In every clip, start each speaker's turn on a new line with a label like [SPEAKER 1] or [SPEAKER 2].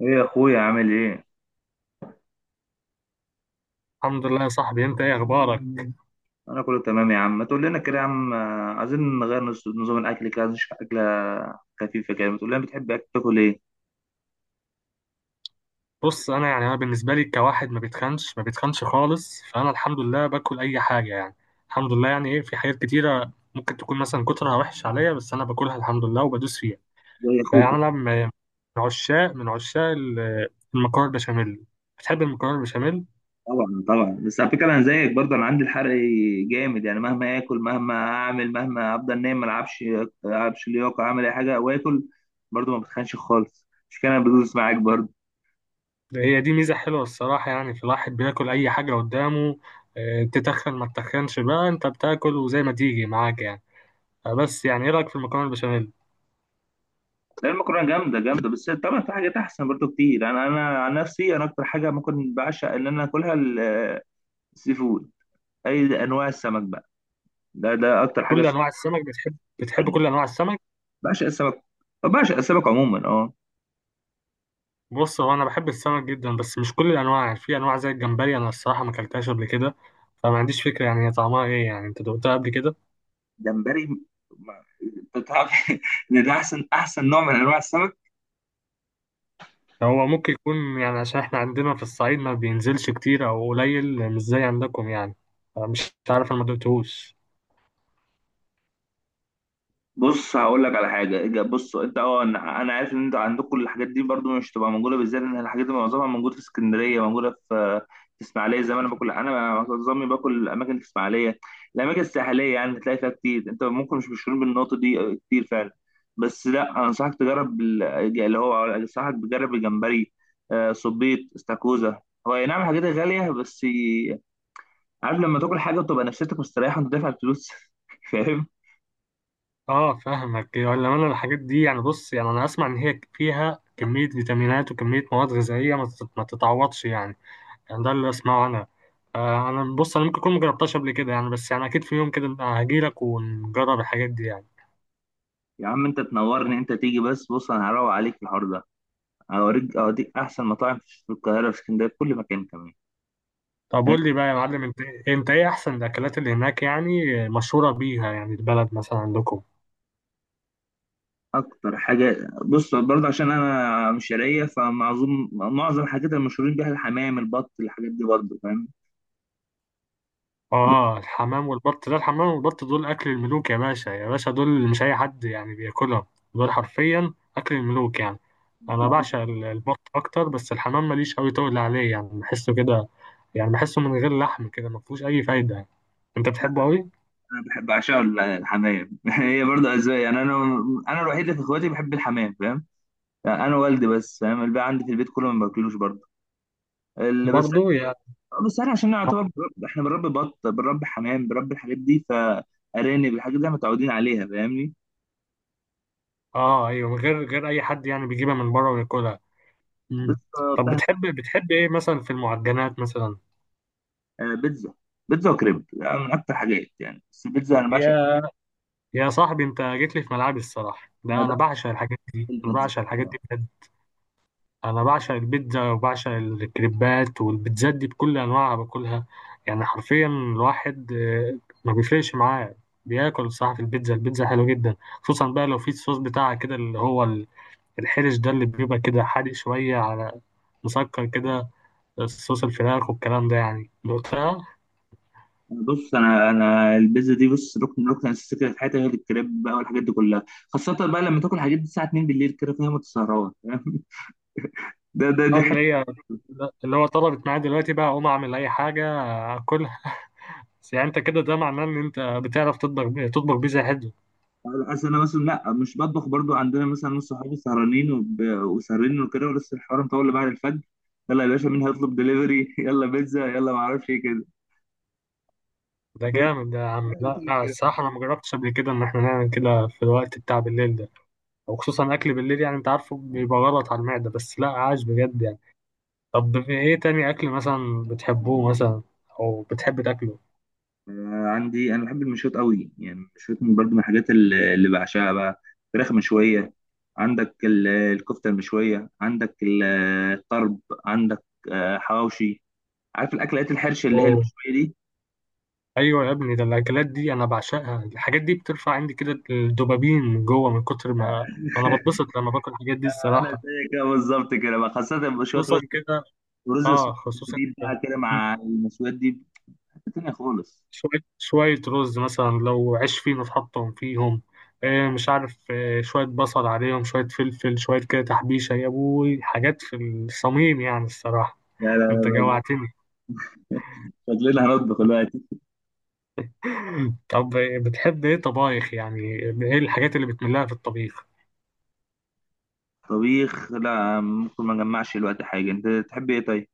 [SPEAKER 1] ايه يا اخويا، عامل ايه؟
[SPEAKER 2] الحمد لله يا صاحبي، انت ايه اخبارك؟
[SPEAKER 1] انا كله تمام يا عم. ما تقول لنا كده يا عم، عايزين نغير نظام الاكل كده. عايزين نشوف اكله خفيفه كده. ما تقول لنا، بتحب تاكل ايه؟
[SPEAKER 2] بص، انا بالنسبه لي كواحد ما بيتخنش ما بيتخنش خالص، فانا الحمد لله باكل اي حاجه يعني. الحمد لله يعني. ايه، في حاجات كتيره ممكن تكون مثلا كترها وحش عليا، بس انا باكلها الحمد لله وبدوس فيها.
[SPEAKER 1] زي اخوك.
[SPEAKER 2] فيعني انا من عشاق المكرونه البشاميل. بتحب المكرونه البشاميل؟
[SPEAKER 1] طبعا طبعا، بس على فكره انا زيك برضه، انا عندي الحرق جامد، يعني مهما اكل، مهما اعمل، مهما افضل نايم، ما العبش. العبش لياقه، اعمل اي حاجه واكل برضه، ما بتخنش خالص. مش كده؟ انا بدوس معاك برضه.
[SPEAKER 2] هي دي ميزه حلوه الصراحه، يعني في الواحد بياكل اي حاجه قدامه. اه، تتخن ما تتخنش بقى، انت بتاكل وزي ما تيجي معاك يعني. بس يعني ايه رايك في المكرونه البشاميل؟
[SPEAKER 1] لا، المكرونه جامده جامده، بس طبعا في حاجات احسن برضه كتير. انا، عن نفسي، انا اكتر حاجه ممكن بعشق ان انا اكلها السي فود، اي انواع السمك بقى. ده اكتر حاجه
[SPEAKER 2] كل
[SPEAKER 1] س-
[SPEAKER 2] انواع السمك بتحب
[SPEAKER 1] اي،
[SPEAKER 2] كل انواع السمك؟
[SPEAKER 1] بعشق السمك، بعشق السمك عموما، اه.
[SPEAKER 2] بص، هو انا بحب السمك جدا بس مش كل الانواع. في انواع زي الجمبري، انا الصراحه ما اكلتهاش قبل كده، فما عنديش فكره يعني هي طعمها ايه. يعني انت دقتها قبل كده؟
[SPEAKER 1] جمبري، ما- انت تعرف ان ده احسن احسن نوع من انواع السمك.
[SPEAKER 2] هو ممكن يكون يعني عشان احنا عندنا في الصعيد ما بينزلش كتير او قليل، مش زي عندكم يعني. مش عارف، انا ما دقتهوش.
[SPEAKER 1] بص، هقول لك على حاجه، بص، انت، انا، عارف ان انت عندك كل الحاجات دي برضو، مش تبقى موجوده. بالذات ان الحاجات دي معظمها موجوده في اسكندريه، موجوده في اسماعيليه. زي ما انا باكل، انا معظمي باكل الاماكن في اسماعيليه، الاماكن الساحليه يعني. تلاقي فيها كتير. انت ممكن مش مشهورين بالنقطه دي، كتير فعلا. بس لا، انصحك تجرب ال- اللي هو انصحك تجرب الجمبري، صبيط، استاكوزا. هو أي نعم الحاجات غاليه، بس عارف لما تاكل حاجه وتبقى نفسيتك مستريحه وانت دافع الفلوس فاهم.
[SPEAKER 2] اه فاهمك، ولا انا الحاجات دي يعني. بص، يعني انا اسمع ان هي فيها كميه فيتامينات وكميه مواد غذائيه ما تتعوضش يعني. يعني ده اللي اسمعه انا. انا بص انا ممكن اكون مجربتهاش قبل كده يعني، بس يعني اكيد في يوم كده هجيلك ونجرب الحاجات دي يعني.
[SPEAKER 1] يا عم انت تنورني، انت تيجي بس، بص انا هروق عليك في الحوار ده. هوريك، اوديك احسن مطاعم في القاهره، في اسكندريه، في كل مكان كمان.
[SPEAKER 2] طب
[SPEAKER 1] انت
[SPEAKER 2] قول لي بقى يا معلم، انت ايه احسن الاكلات اللي هناك يعني مشهوره بيها، يعني البلد مثلا عندكم؟
[SPEAKER 1] اكتر حاجه، بص برضه، عشان انا مش شرقيه، فمعظم الحاجات المشهورين بيها الحمام، البط، الحاجات دي برضه، فاهم. ده-
[SPEAKER 2] اه، الحمام والبط، ده الحمام والبط دول اكل الملوك يا باشا، يا باشا دول مش اي حد يعني بياكلهم. دول حرفيا اكل الملوك يعني. انا بعشق البط اكتر، بس الحمام ماليش قوي تقول عليه يعني، بحسه كده يعني بحسه من غير لحم كده ما فيهوش اي فايده يعني. انت بتحبه قوي؟
[SPEAKER 1] انا بحب، بعشقه الحمام هي برضه اذواق يعني. انا، الوحيد اللي في اخواتي بحب الحمام، فاهم يعني؟ انا والدي بس، فاهم. الباقي عندي في البيت كله ما باكلوش برضه.
[SPEAKER 2] برضو يعني.
[SPEAKER 1] بس احنا عشان نعتبر، احنا بنربي بط، بنربي حمام، بنربي الحاجات دي، فارانب، الحاجات دي احنا متعودين عليها، فاهمني.
[SPEAKER 2] اه ايوه، من غير اي حد يعني بيجيبها من بره وياكلها.
[SPEAKER 1] بس
[SPEAKER 2] مم. طب بتحب بتحب ايه مثلا في المعجنات مثلا؟
[SPEAKER 1] بيتزا. بيتزا وكريب يعني من اكتر حاجات يعني، بس البيتزا
[SPEAKER 2] يا يا صاحبي، انت جيت لي في ملعبي الصراحه. ده
[SPEAKER 1] انا
[SPEAKER 2] انا
[SPEAKER 1] بعشق
[SPEAKER 2] بعشق الحاجات دي، انا
[SPEAKER 1] البيتزا،
[SPEAKER 2] بعشق الحاجات دي
[SPEAKER 1] آه.
[SPEAKER 2] بجد. انا بعشق البيتزا وبعشق الكريبات، والبيتزات دي بكل انواعها باكلها. يعني حرفيا الواحد ما بيفرقش معاه. بياكل الصراحه في البيتزا. البيتزا حلوه جدا، خصوصا بقى لو في الصوص بتاعها كده اللي هو الحرش ده، اللي بيبقى كده حادق شويه على مسكر كده، الصوص، الفراخ والكلام ده يعني. دقتها؟
[SPEAKER 1] أنا بص، انا، البيتزا دي بص ركن، اساسي كده في حياتي، غير الكريب بقى والحاجات دي كلها. خاصه بقى لما تاكل الحاجات دي الساعه 2 بالليل كده، فاهم، وتسهران ده ده دي
[SPEAKER 2] اه اللي هو طلبت معايا دلوقتي بقى اقوم اعمل اي حاجه اكلها. بس يعني انت كده ده معناه ان انت بتعرف تطبخ تطبخ بيتزا حلو.
[SPEAKER 1] اصل انا مثلا. لا، مش بطبخ برضو. عندنا مثلا ناس، صحابي سهرانين وسهرانين وكده، ولسه الحوار مطول لبعد الفجر. يلا يا باشا، مين هيطلب دليفري؟ يلا بيتزا، يلا، ما اعرفش ايه كده.
[SPEAKER 2] ده
[SPEAKER 1] هي-
[SPEAKER 2] جامد ده يا عم. لا
[SPEAKER 1] هي كده.
[SPEAKER 2] الصراحه انا ما جربتش قبل كده ان احنا نعمل كده في الوقت بتاع بالليل ده. وخصوصا اكل بالليل، يعني انت عارفه بيبقى غلط على المعده، بس لا عاش بجد يعني. طب في ايه تاني اكل مثلا بتحبوه مثلا، او بتحب تاكله؟
[SPEAKER 1] عندي، انا بحب المشويات قوي يعني. المشويات برضو من الحاجات اللي بعشقها بقى: فراخ مشويه، عندك الكفته المشويه، عندك الطرب، عندك حواوشي. عارف الاكلات الحرش اللي هي المشويه دي.
[SPEAKER 2] ايوه يا ابني، ده الاكلات دي انا بعشقها. الحاجات دي بترفع عندي كده الدوبامين من جوه، من كتر ما انا بتبسط لما باكل الحاجات دي
[SPEAKER 1] انا
[SPEAKER 2] الصراحه.
[SPEAKER 1] زي كده بالظبط كده بقى، خاصه شويه
[SPEAKER 2] خصوصا كده.
[SPEAKER 1] ورز
[SPEAKER 2] اه خصوصا
[SPEAKER 1] وسبيب
[SPEAKER 2] كده.
[SPEAKER 1] بقى كده
[SPEAKER 2] مم.
[SPEAKER 1] مع المشويات دي، حته تانية خالص.
[SPEAKER 2] شويه شويه رز مثلا، لو عيش فينو حطهم فيهم، مش عارف، شويه بصل عليهم، شويه فلفل، شويه كده تحبيشه يا ابوي، حاجات في الصميم يعني الصراحه.
[SPEAKER 1] لا
[SPEAKER 2] انت
[SPEAKER 1] لا
[SPEAKER 2] جوعتني.
[SPEAKER 1] لا. شكلنا هنطبخ دلوقتي.
[SPEAKER 2] طب بتحب ايه طبايخ يعني؟ ايه الحاجات اللي بتملها في الطبيخ؟
[SPEAKER 1] طبيخ؟ لا، ممكن ما نجمعش دلوقتي حاجه. انت تحب ايه طيب؟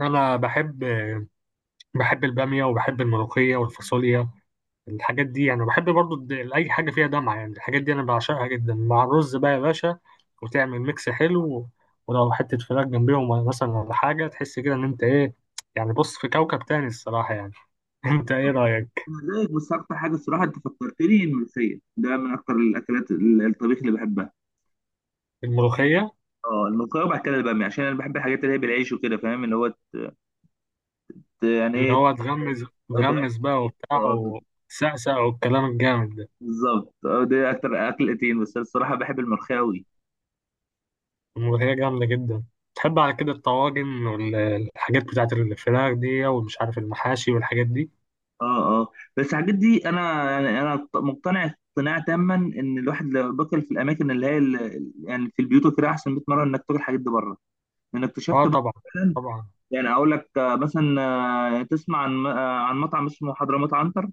[SPEAKER 2] انا بحب. البامية وبحب الملوخية والفاصوليا، الحاجات دي يعني. بحب برضو أي حاجة فيها دمعة يعني، الحاجات دي أنا بعشقها جدا مع الرز بقى يا باشا. وتعمل ميكس حلو، ولو حتة فراخ جنبيهم مثلا ولا حاجة، تحس كده إن أنت إيه يعني بص في كوكب تاني الصراحة يعني. أنت إيه رأيك؟
[SPEAKER 1] أنا زيك، بس اكتر حاجه الصراحه انت فكرتني، الملوخيه ده من اكتر الاكلات، الطبيخ اللي بحبها.
[SPEAKER 2] الملوخية.
[SPEAKER 1] اه الملوخيه، وبعد كده الباميه، عشان انا بحب الحاجات اللي هي بالعيش وكده، فاهم، اللي هو يعني
[SPEAKER 2] اللي
[SPEAKER 1] ايه.
[SPEAKER 2] هو تغمز
[SPEAKER 1] اه، تغمس
[SPEAKER 2] تغمز
[SPEAKER 1] في
[SPEAKER 2] بقى
[SPEAKER 1] العيش.
[SPEAKER 2] وبتاع وسقسق والكلام الجامد ده.
[SPEAKER 1] بالظبط. اه ده اكتر اكلتين، بس أنا الصراحه بحب الملوخيه قوي.
[SPEAKER 2] الملوخية جامدة جدا. تحب على كده الطواجن والحاجات بتاعت الفراخ دي، ومش عارف المحاشي والحاجات دي؟
[SPEAKER 1] اه، اه. بس الحاجات دي انا يعني، انا مقتنع اقتناع تاما ان الواحد لو باكل في الاماكن اللي هي يعني في البيوت وكده، احسن 100 مره انك تاكل الحاجات دي بره، لان اكتشفت
[SPEAKER 2] اه
[SPEAKER 1] بقى
[SPEAKER 2] طبعا
[SPEAKER 1] فعلا.
[SPEAKER 2] طبعا.
[SPEAKER 1] يعني اقول لك، مثلا، تسمع عن مطعم اسمه حضرموت عنتر؟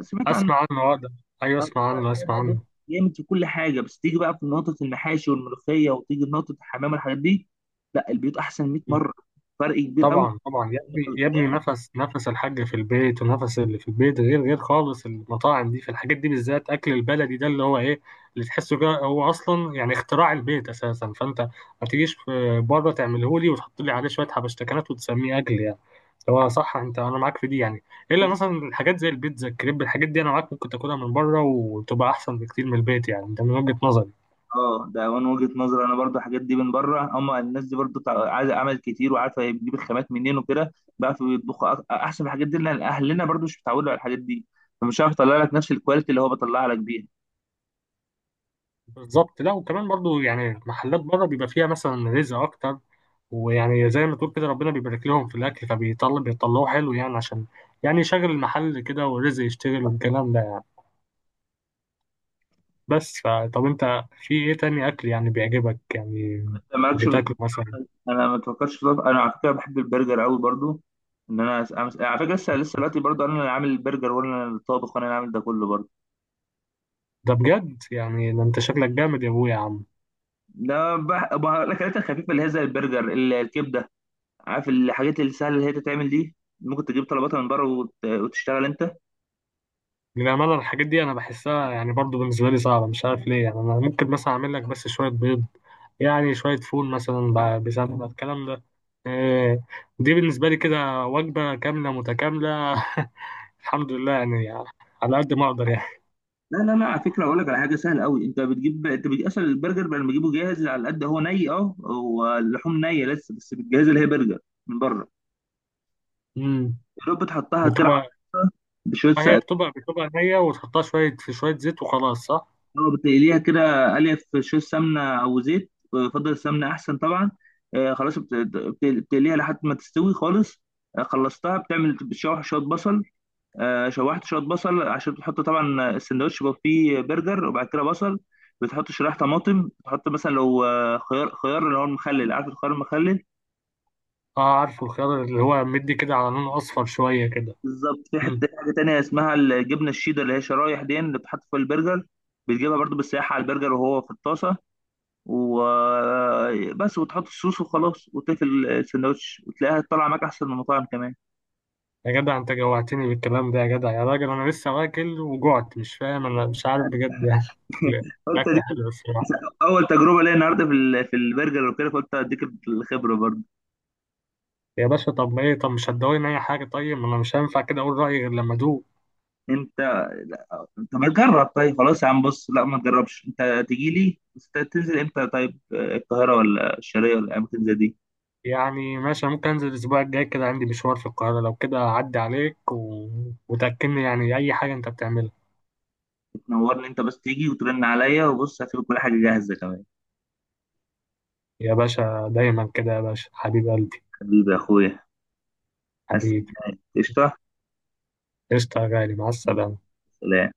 [SPEAKER 1] سمعت عن
[SPEAKER 2] اسمع عنه اه، ده ايوه
[SPEAKER 1] ده؟
[SPEAKER 2] اسمع عنه اسمع
[SPEAKER 1] ده بص
[SPEAKER 2] عنه.
[SPEAKER 1] جامد في كل حاجه، بس تيجي بقى في نقطه المحاشي والملوخيه، وتيجي في نقطه الحمام والحاجات دي، لا البيوت احسن 100
[SPEAKER 2] مم.
[SPEAKER 1] مره. فرق كبير قوي.
[SPEAKER 2] طبعا طبعا يا ابني، يا ابني نفس الحاج في البيت، ونفس اللي في البيت غير خالص المطاعم دي في الحاجات دي، بالذات اكل البلدي ده اللي هو ايه، اللي تحسه كده هو اصلا يعني اختراع البيت اساسا. فانت ما تجيش في- بره تعمله لي وتحط لي عليه شويه حبشتكنات وتسميه اكل يعني. هو صح، انت انا معاك في دي يعني. الا مثلا الحاجات زي البيتزا، الكريب، الحاجات دي انا معاك ممكن تاكلها من بره وتبقى احسن بكتير من البيت يعني، ده من وجهة نظري.
[SPEAKER 1] اه، ده من وجهة نظري انا برضو. الحاجات دي من بره، هم الناس دي برضو عايزه عمل كتير، وعارفه هي بتجيب الخامات منين وكده، بقى بيطبخوا احسن من الحاجات دي، لان اهلنا برضو مش متعودين على الحاجات دي، فمش عارف اطلع لك نفس الكواليتي اللي هو بطلعها لك بيها.
[SPEAKER 2] بالظبط. لا وكمان برضو يعني محلات بره بيبقى فيها مثلا رزق اكتر. ويعني زي ما تقول كده، ربنا بيبارك لهم في الاكل فبيطلع بيطلعوه حلو، يعني عشان يعني يشغل المحل كده والرزق يشتغل والكلام ده يعني. بس فطب انت في ايه تاني اكل يعني بيعجبك يعني
[SPEAKER 1] أنت مالكش في-
[SPEAKER 2] بتاكله مثلا؟
[SPEAKER 1] انا ما بفكرش انا على فكره بحب البرجر قوي برضو. ان انا على فكره لسه، دلوقتي برضو انا اللي عامل البرجر، وانا اللي الطابخ، وانا اللي عامل ده كله برضو.
[SPEAKER 2] ده بجد يعني ده، انت شكلك جامد يا ابويا يا عم.
[SPEAKER 1] لا الاكلات الخفيفه اللي هي زي البرجر، الكبده. عارف الحاجات السهله اللي هي تتعمل دي، ممكن تجيب طلباتها من بره وتشتغل انت.
[SPEAKER 2] للأمانة الحاجات دي أنا بحسها يعني برضو بالنسبة لي صعبة، مش عارف ليه يعني. أنا ممكن مثلا أعمل لك بس شوية بيض، يعني شوية فول مثلا بسمنة، الكلام ده. إيه، دي بالنسبة لي كده وجبة كاملة متكاملة. الحمد لله يعني على قد ما أقدر يعني.
[SPEAKER 1] لا لا لا، على فكره اقول لك على حاجه سهله قوي: انت بتجيب، اصلا البرجر، بدل ما تجيبه جاهز، على قد هو ني، هو اللحوم نيه لسه، بس بتجهز، اللي هي برجر من بره.
[SPEAKER 2] مم.
[SPEAKER 1] يا دوب بتحطها كده
[SPEAKER 2] بتبقى
[SPEAKER 1] بشويه
[SPEAKER 2] هي
[SPEAKER 1] سقف.
[SPEAKER 2] بتبقى نية، وتحطها شوية في شوية زيت وخلاص، صح؟
[SPEAKER 1] اه بتقليها كده، قليه في شويه سمنه او زيت، بفضل السمنه احسن طبعا. خلاص، بتقليها لحد ما تستوي خالص. خلصتها. بتشوح شويه بصل. شوحت شويه بصل، عشان بتحط طبعا، السندوتش بيبقى فيه برجر وبعد كده بصل، بتحط شرايح طماطم، بتحط مثلا لو خيار، اللي هو المخلل، عارف الخيار المخلل.
[SPEAKER 2] اه عارفه. الخيار اللي هو مدي كده على لون أصفر شوية كده.
[SPEAKER 1] بالظبط. في حته حاجه تانية اسمها الجبنه الشيدر اللي هي شرايح دي اللي بتحط في البرجر، بتجيبها برضو بالسياحه على البرجر وهو في الطاسه، وبس، وتحط الصوص وخلاص وتقفل السندوتش، وتلاقيها طالعه معاك احسن من المطاعم كمان.
[SPEAKER 2] يا جدع انت جوعتني بالكلام ده، يا جدع يا راجل، انا لسه واكل وجعت، مش فاهم انا، مش عارف بجد يعني. الاكل.
[SPEAKER 1] قلت
[SPEAKER 2] الأكل
[SPEAKER 1] اديك.
[SPEAKER 2] حلو الصراحه.
[SPEAKER 1] اول تجربه ليا النهارده في البرجر وكده، فقلت اديك الخبره برضو.
[SPEAKER 2] يا باشا طب ايه، طب مش هتدوقني اي حاجه طيب، ما انا مش هينفع كده اقول رايي غير لما ادوق.
[SPEAKER 1] انت، لا. طب ما تجرب طيب، خلاص يا عم، بص لا، ما تجربش، انت تيجي لي بس. انت تنزل امتى طيب؟ القاهره ولا الشرقيه ولا اماكن زي دي؟
[SPEAKER 2] يعني ماشي، ممكن انزل الاسبوع الجاي كده، عندي مشوار في القاهره، لو كده اعدي عليك و... وتاكلني يعني اي حاجه انت بتعملها.
[SPEAKER 1] تنورني، انت بس تيجي وترن عليا، وبص هتبقى كل حاجه جاهزه كمان.
[SPEAKER 2] يا باشا دايما كده يا باشا، حبيب قلبي.
[SPEAKER 1] حبيبي يا اخويا. بس،
[SPEAKER 2] حبيبي.
[SPEAKER 1] قشطه.
[SPEAKER 2] قشطه يا غالي، مع السلامه.
[SPEAKER 1] سلام.